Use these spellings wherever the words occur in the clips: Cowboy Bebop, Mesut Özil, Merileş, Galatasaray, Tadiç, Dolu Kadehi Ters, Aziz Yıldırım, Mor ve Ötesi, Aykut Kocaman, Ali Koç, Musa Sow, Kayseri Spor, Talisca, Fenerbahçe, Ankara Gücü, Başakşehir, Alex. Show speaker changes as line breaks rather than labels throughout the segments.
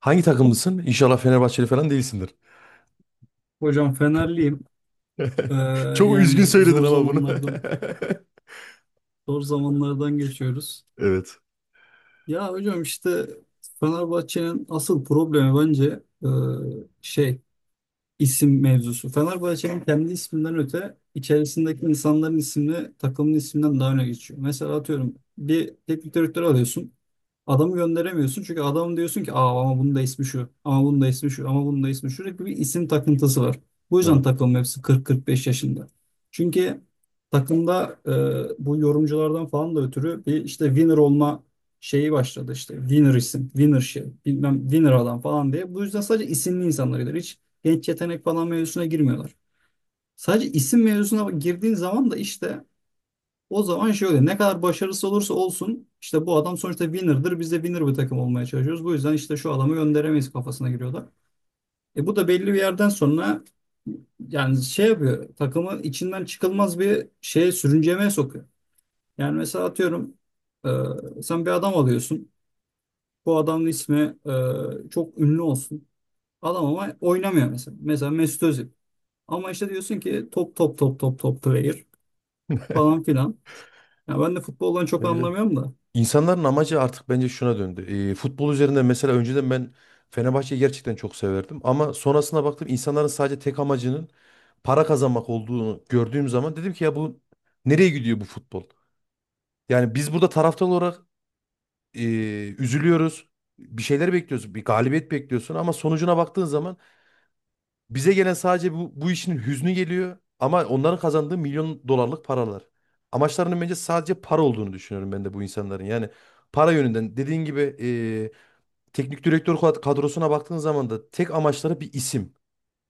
Hangi takımlısın? İnşallah Fenerbahçeli falan değilsindir.
Hocam Fenerliyim. Ee,
Çok üzgün
yani
söyledin
zor
ama bunu.
zamanlardan geçiyoruz.
Evet.
Ya hocam işte Fenerbahçe'nin asıl problemi bence şey isim mevzusu. Fenerbahçe'nin kendi isminden öte içerisindeki insanların ismi takımın isminden daha öne geçiyor. Mesela atıyorum bir teknik direktör alıyorsun. Adamı gönderemiyorsun çünkü adam diyorsun ki aa, ama bunun da ismi şu, ama bunun da ismi şu, ama bunun da ismi şu, sürekli bir isim takıntısı var. Bu yüzden
Evet.
takım hepsi 40-45 yaşında. Çünkü takımda bu yorumculardan falan da ötürü bir işte winner olma şeyi başladı, işte winner isim, winner şey, bilmem winner adam falan diye. Bu yüzden sadece isimli insanlar gider. Hiç genç yetenek falan mevzusuna girmiyorlar. Sadece isim mevzusuna girdiğin zaman da işte o zaman şöyle, ne kadar başarısız olursa olsun işte bu adam sonuçta winner'dır. Biz de winner bir takım olmaya çalışıyoruz. Bu yüzden işte şu adamı gönderemeyiz kafasına giriyorlar. Bu da belli bir yerden sonra yani şey yapıyor, takımı içinden çıkılmaz bir şeye, sürüncemeye sokuyor. Yani mesela atıyorum sen bir adam alıyorsun. Bu adamın ismi çok ünlü olsun. Adam ama oynamıyor mesela. Mesela Mesut Özil. Ama işte diyorsun ki top top top top top player falan filan. Ya ben de futboldan çok
Ne bir
anlamıyorum da.
İnsanların amacı artık bence şuna döndü. Futbol üzerinde mesela önceden ben Fenerbahçe'yi gerçekten çok severdim. Ama sonrasına baktım insanların sadece tek amacının para kazanmak olduğunu gördüğüm zaman dedim ki ya bu nereye gidiyor bu futbol? Yani biz burada taraftar olarak e, üzülüyoruz. Bir şeyler bekliyoruz. Bir galibiyet bekliyorsun ama sonucuna baktığın zaman bize gelen sadece bu işin hüznü geliyor ama onların kazandığı milyon dolarlık paralar. Amaçlarının bence sadece para olduğunu düşünüyorum ben de bu insanların. Yani para yönünden dediğin gibi teknik direktör kadrosuna baktığın zaman da tek amaçları bir isim.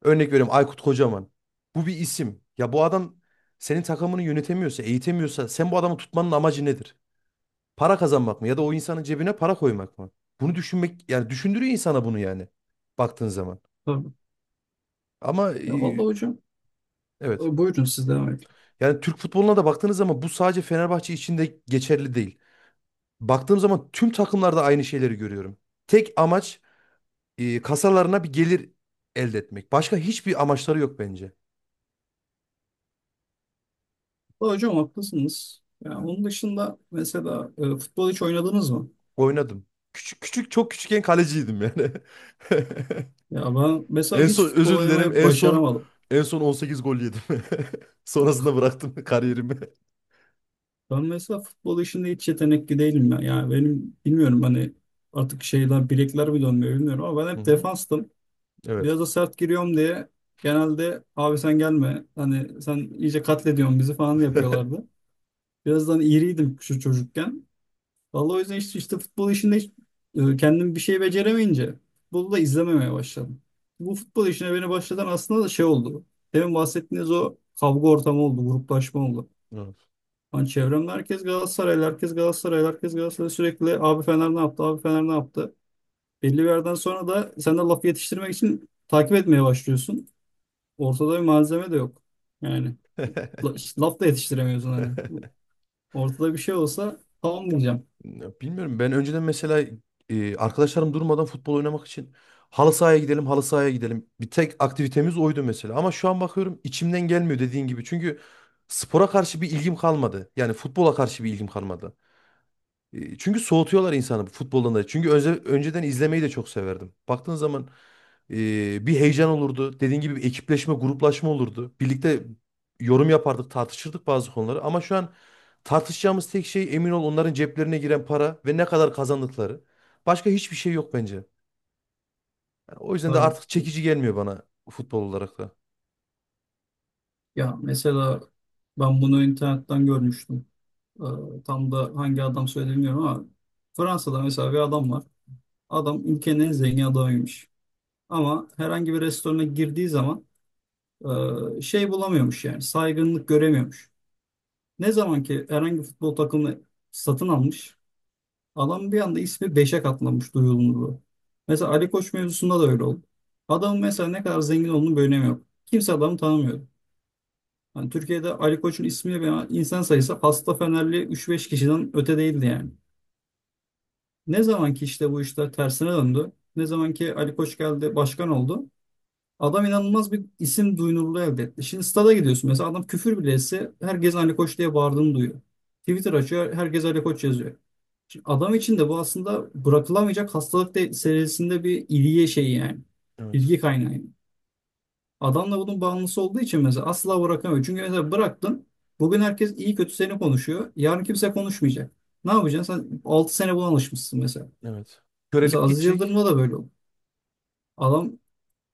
Örnek veriyorum Aykut Kocaman. Bu bir isim. Ya bu adam senin takımını yönetemiyorsa, eğitemiyorsa sen bu adamı tutmanın amacı nedir? Para kazanmak mı ya da o insanın cebine para koymak mı? Bunu düşünmek yani düşündürüyor insana bunu yani baktığın zaman.
Tabii.
Ama
Ya vallahi hocam
evet.
buyurun siz devam edin.
Yani Türk futboluna da baktığınız zaman bu sadece Fenerbahçe için de geçerli değil. Baktığım zaman tüm takımlarda aynı şeyleri görüyorum. Tek amaç kasalarına bir gelir elde etmek. Başka hiçbir amaçları yok bence.
Vallahi hocam haklısınız. Ya onun dışında mesela futbol hiç oynadınız mı?
Oynadım. Küçük küçük çok küçükken kaleciydim yani.
Ya ben mesela
En
hiç
son
futbol
özür dilerim.
oynamayı
En son
başaramadım.
en son 18 gol yedim. Sonrasında bıraktım kariyerimi.
Ben mesela futbol işinde hiç yetenekli değilim ya. Yani benim bilmiyorum, hani artık şeyler, bilekler mi dönmüyor bilmiyorum, ama ben
Hı
hep
hı.
defanstım.
Evet.
Biraz da sert giriyorum diye genelde "abi sen gelme, hani sen iyice katlediyorsun bizi" falan yapıyorlardı. Birazdan iriydim şu çocukken. Vallahi o yüzden işte futbol işinde hiç, kendim bir şey beceremeyince futbolu da izlememeye başladım. Bu futbol işine beni başlatan aslında da şey oldu. Demin bahsettiğiniz o kavga ortamı oldu, gruplaşma oldu.
Evet.
Hani çevremde herkes Galatasaraylı, herkes Galatasaraylı, herkes Galatasaray, sürekli "abi Fener ne yaptı, abi Fener ne yaptı". Belli bir yerden sonra da sen de lafı yetiştirmek için takip etmeye başlıyorsun. Ortada bir malzeme de yok. Yani işte laf da yetiştiremiyorsun hani. Ortada bir şey olsa tamam diyeceğim.
Ya, bilmiyorum. Ben önceden mesela arkadaşlarım durmadan futbol oynamak için halı sahaya gidelim, halı sahaya gidelim. Bir tek aktivitemiz oydu mesela. Ama şu an bakıyorum içimden gelmiyor dediğin gibi. Çünkü spora karşı bir ilgim kalmadı. Yani futbola karşı bir ilgim kalmadı. Çünkü soğutuyorlar insanı futboldan da. Çünkü önceden izlemeyi de çok severdim. Baktığın zaman bir heyecan olurdu. Dediğin gibi bir ekipleşme, gruplaşma olurdu. Birlikte yorum yapardık, tartışırdık bazı konuları. Ama şu an tartışacağımız tek şey emin ol onların ceplerine giren para ve ne kadar kazandıkları. Başka hiçbir şey yok bence. Yani o yüzden de
Tabii.
artık çekici gelmiyor bana futbol olarak da.
Ya mesela ben bunu internetten görmüştüm. Ee, tam da hangi adam söyledi bilmiyorum ama Fransa'da mesela bir adam var. Adam ülkenin en zengin adamıymış. Ama herhangi bir restorana girdiği zaman şey bulamıyormuş, yani saygınlık göremiyormuş. Ne zaman ki herhangi bir futbol takımını satın almış, adam bir anda ismi beşe katlanmış, duyulurluğu. Mesela Ali Koç mevzusunda da öyle oldu. Adamın mesela ne kadar zengin olduğunu bir önemi yok. Kimse adamı tanımıyor. Yani Türkiye'de Ali Koç'un ismiyle beraber, insan sayısı, hasta Fenerli 3-5 kişiden öte değildi yani. Ne zaman ki işte bu işler tersine döndü, ne zaman ki Ali Koç geldi, başkan oldu, adam inanılmaz bir isim duyunurluğu elde etti. Şimdi stada gidiyorsun mesela, adam küfür bile etse herkes Ali Koç diye bağırdığını duyuyor. Twitter açıyor, herkes Ali Koç yazıyor. Şimdi adam için de bu aslında bırakılamayacak hastalık serisinde bir ilgi şeyi yani.
Evet,
İlgi kaynağı. Adam da bunun bağımlısı olduğu için mesela asla bırakamıyor. Çünkü mesela bıraktın. Bugün herkes iyi kötü seni konuşuyor, yarın kimse konuşmayacak. Ne yapacaksın? Sen 6 sene buna alışmışsın mesela.
evet.
Mesela
Körelip
Aziz
gidecek.
Yıldırım'da da böyle oldu. Adam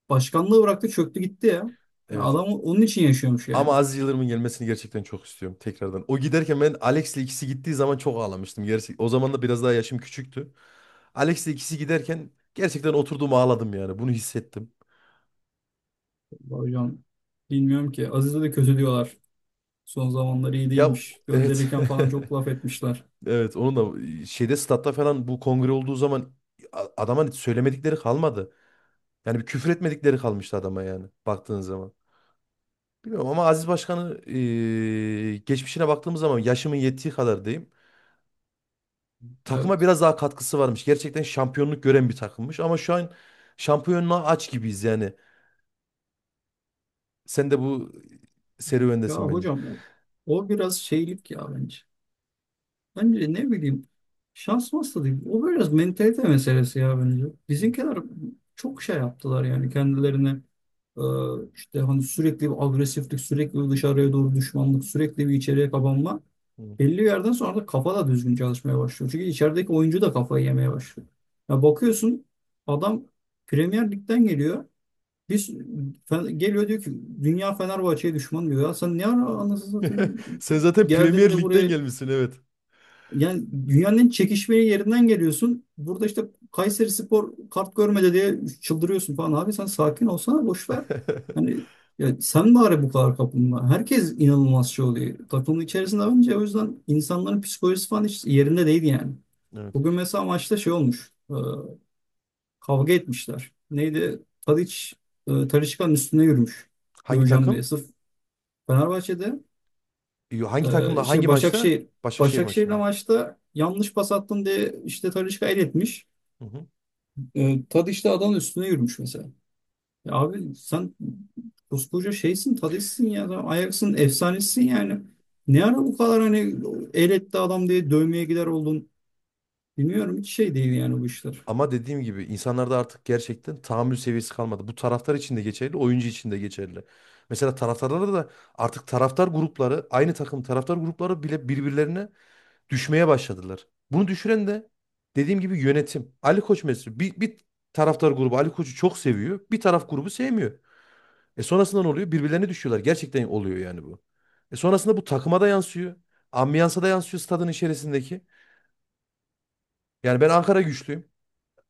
başkanlığı bıraktı, çöktü gitti ya. Yani
Evet.
adam onun için yaşıyormuş
Ama
yani.
Aziz Yıldırım'ın gelmesini gerçekten çok istiyorum tekrardan. O giderken ben Alex'le ikisi gittiği zaman çok ağlamıştım. Gerçek, o zaman da biraz daha yaşım küçüktü. Alex'le ikisi giderken gerçekten oturduğum ağladım yani. Bunu hissettim.
Vallahi hocam bilmiyorum ki. Aziz'e de kötü diyorlar. Son zamanları iyi
Ya,
değilmiş.
evet.
Gönderirken falan çok laf etmişler.
Evet, onun da şeyde statta falan bu kongre olduğu zaman adama söylemedikleri kalmadı. Yani bir küfür etmedikleri kalmıştı adama yani baktığın zaman. Bilmiyorum ama Aziz Başkan'ı geçmişine baktığımız zaman yaşımın yettiği kadar diyeyim. Takıma
Evet.
biraz daha katkısı varmış. Gerçekten şampiyonluk gören bir takımmış ama şu an şampiyonluğa aç gibiyiz yani. Sen de bu
Ya
serüvendesin bence.
hocam o biraz şeylik ya bence. Bence, ne bileyim, şans masası değil. O biraz mentalite meselesi ya bence.
Hı,
Bizimkiler çok şey yaptılar yani kendilerine, e, işte hani sürekli bir agresiflik, sürekli bir dışarıya doğru düşmanlık, sürekli bir içeriye kapanma.
hı.
Belli bir yerden sonra da kafa da düzgün çalışmaya başlıyor. Çünkü içerideki oyuncu da kafayı yemeye başlıyor. Ya bakıyorsun, adam Premier Lig'den geliyor. Biz geliyor diyor ki dünya Fenerbahçe'ye düşman diyor. Ya sen ne ara, anasını satayım,
Sen zaten Premier
geldin de
Lig'den
buraya,
gelmişsin, evet.
yani dünyanın en çekişmeli yerinden geliyorsun. Burada işte Kayseri Spor kart görmedi diye çıldırıyorsun falan. Abi sen sakin olsana, boş ver. Hani ya sen bari bu kadar kapılma. Herkes inanılmaz şey oluyor. Takımın içerisinde önce, o yüzden insanların psikolojisi falan hiç yerinde değil yani.
Evet.
Bugün mesela maçta şey olmuş. Kavga etmişler. Neydi? Tadiç, Talisca'nın üstüne yürümüş.
Hangi
Döveceğim diye.
takım?
Sırf Fenerbahçe'de,
Yo, hangi
e,
takımla hangi
şey
maçta?
Başakşehir
Başakşehir
Başakşehir'le
maçında.
maçta yanlış pas attın diye işte Talisca el etmiş.
Hı hı.
Tadiç de adamın üstüne yürümüş mesela. Ya abi sen koskoca şeysin, Tadiç'sin ya. Sen Ajax'ın efsanesisin yani. Ne ara bu kadar, hani el etti adam diye dövmeye gider oldun. Bilmiyorum, hiç şey değil yani bu işler.
Ama dediğim gibi insanlarda artık gerçekten tahammül seviyesi kalmadı. Bu taraftar için de geçerli, oyuncu için de geçerli. Mesela taraftarlarda da artık taraftar grupları, aynı takım taraftar grupları bile birbirlerine düşmeye başladılar. Bunu düşüren de dediğim gibi yönetim. Ali Koç mesela bir taraftar grubu Ali Koç'u çok seviyor. Bir taraf grubu sevmiyor. E sonrasında ne oluyor? Birbirlerine düşüyorlar. Gerçekten oluyor yani bu. E sonrasında bu takıma da yansıyor. Ambiyansa da yansıyor stadın içerisindeki. Yani ben Ankara güçlüyüm.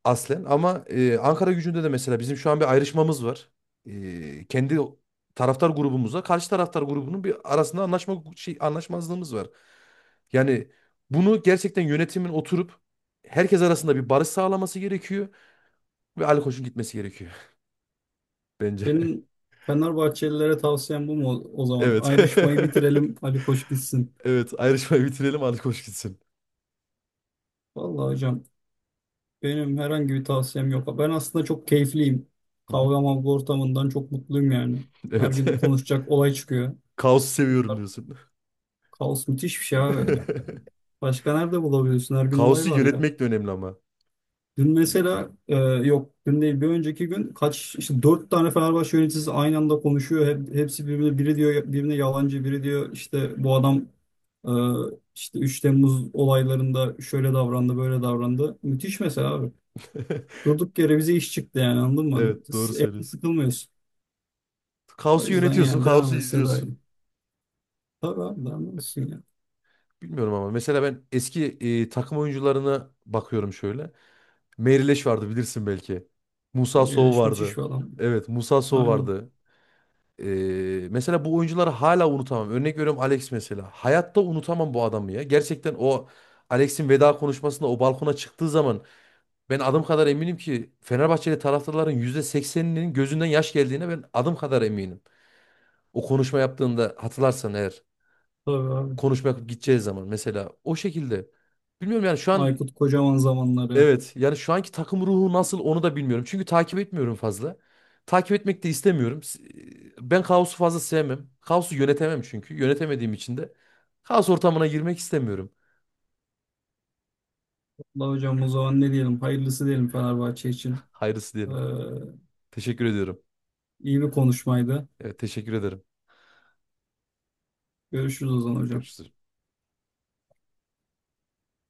Aslen ama Ankara gücünde de mesela bizim şu an bir ayrışmamız var. Kendi taraftar grubumuzla karşı taraftar grubunun bir arasında anlaşmazlığımız var. Yani bunu gerçekten yönetimin oturup herkes arasında bir barış sağlaması gerekiyor ve Ali Koç'un gitmesi gerekiyor bence.
Benim Fenerbahçelilere tavsiyem bu mu o o zaman?
Evet.
Ayrışmayı bitirelim, Ali Koç gitsin.
Evet, ayrışmayı bitirelim Ali Koç gitsin.
Vallahi hocam benim herhangi bir tavsiyem yok. Ben aslında çok keyifliyim.
Hı hı.
Kavga mavga ortamından çok mutluyum yani. Her
Evet.
gün konuşacak olay çıkıyor.
Kaosu seviyorum diyorsun.
Kaos müthiş bir şey abi. Başka nerede bulabiliyorsun? Her gün olay
Kaosu
var ya.
yönetmek de önemli ama.
Dün mesela, yok dün değil bir önceki gün, kaç işte, 4 tane Fenerbahçe yöneticisi aynı anda konuşuyor. Hepsi birbirine, biri diyor birine yalancı, biri diyor işte bu adam e, işte 3 Temmuz olaylarında şöyle davrandı böyle davrandı. Müthiş mesela abi. Durduk yere bize iş çıktı yani, anladın mı? Hani
Evet, doğru
evde
söylüyorsun.
sıkılmıyorsun. O
Kaosu
yüzden
yönetiyorsun,
yani
kaosu
devam etse daha
izliyorsun.
iyi. Tabii abi devam etsin ya.
Bilmiyorum ama mesela ben eski takım oyuncularına bakıyorum şöyle. Merileş vardı bilirsin belki. Musa Sow
Eleş müthiş
vardı.
bir adam.
Evet, Musa Sow
Aynen.
vardı. E, Mesela bu oyuncuları hala unutamam. Örnek veriyorum Alex mesela. Hayatta unutamam bu adamı ya. Gerçekten o Alex'in veda konuşmasında o balkona çıktığı zaman ben adım kadar eminim ki Fenerbahçeli taraftarların %80'inin gözünden yaş geldiğine ben adım kadar eminim. O konuşma yaptığında hatırlarsan eğer.
Tabii abi.
Konuşma yapıp gideceğiz zaman mesela o şekilde. Bilmiyorum yani şu an
Aykut Kocaman zamanları.
evet yani şu anki takım ruhu nasıl onu da bilmiyorum. Çünkü takip etmiyorum fazla. Takip etmek de istemiyorum. Ben kaosu fazla sevmem. Kaosu yönetemem çünkü. Yönetemediğim için de kaos ortamına girmek istemiyorum.
Allah hocam, o zaman ne diyelim? Hayırlısı diyelim Fenerbahçe için.
Hayırlısı
Ee,
diyelim. Teşekkür ediyorum.
iyi bir konuşmaydı.
Evet teşekkür ederim.
Görüşürüz o zaman hocam.
Görüşürüz.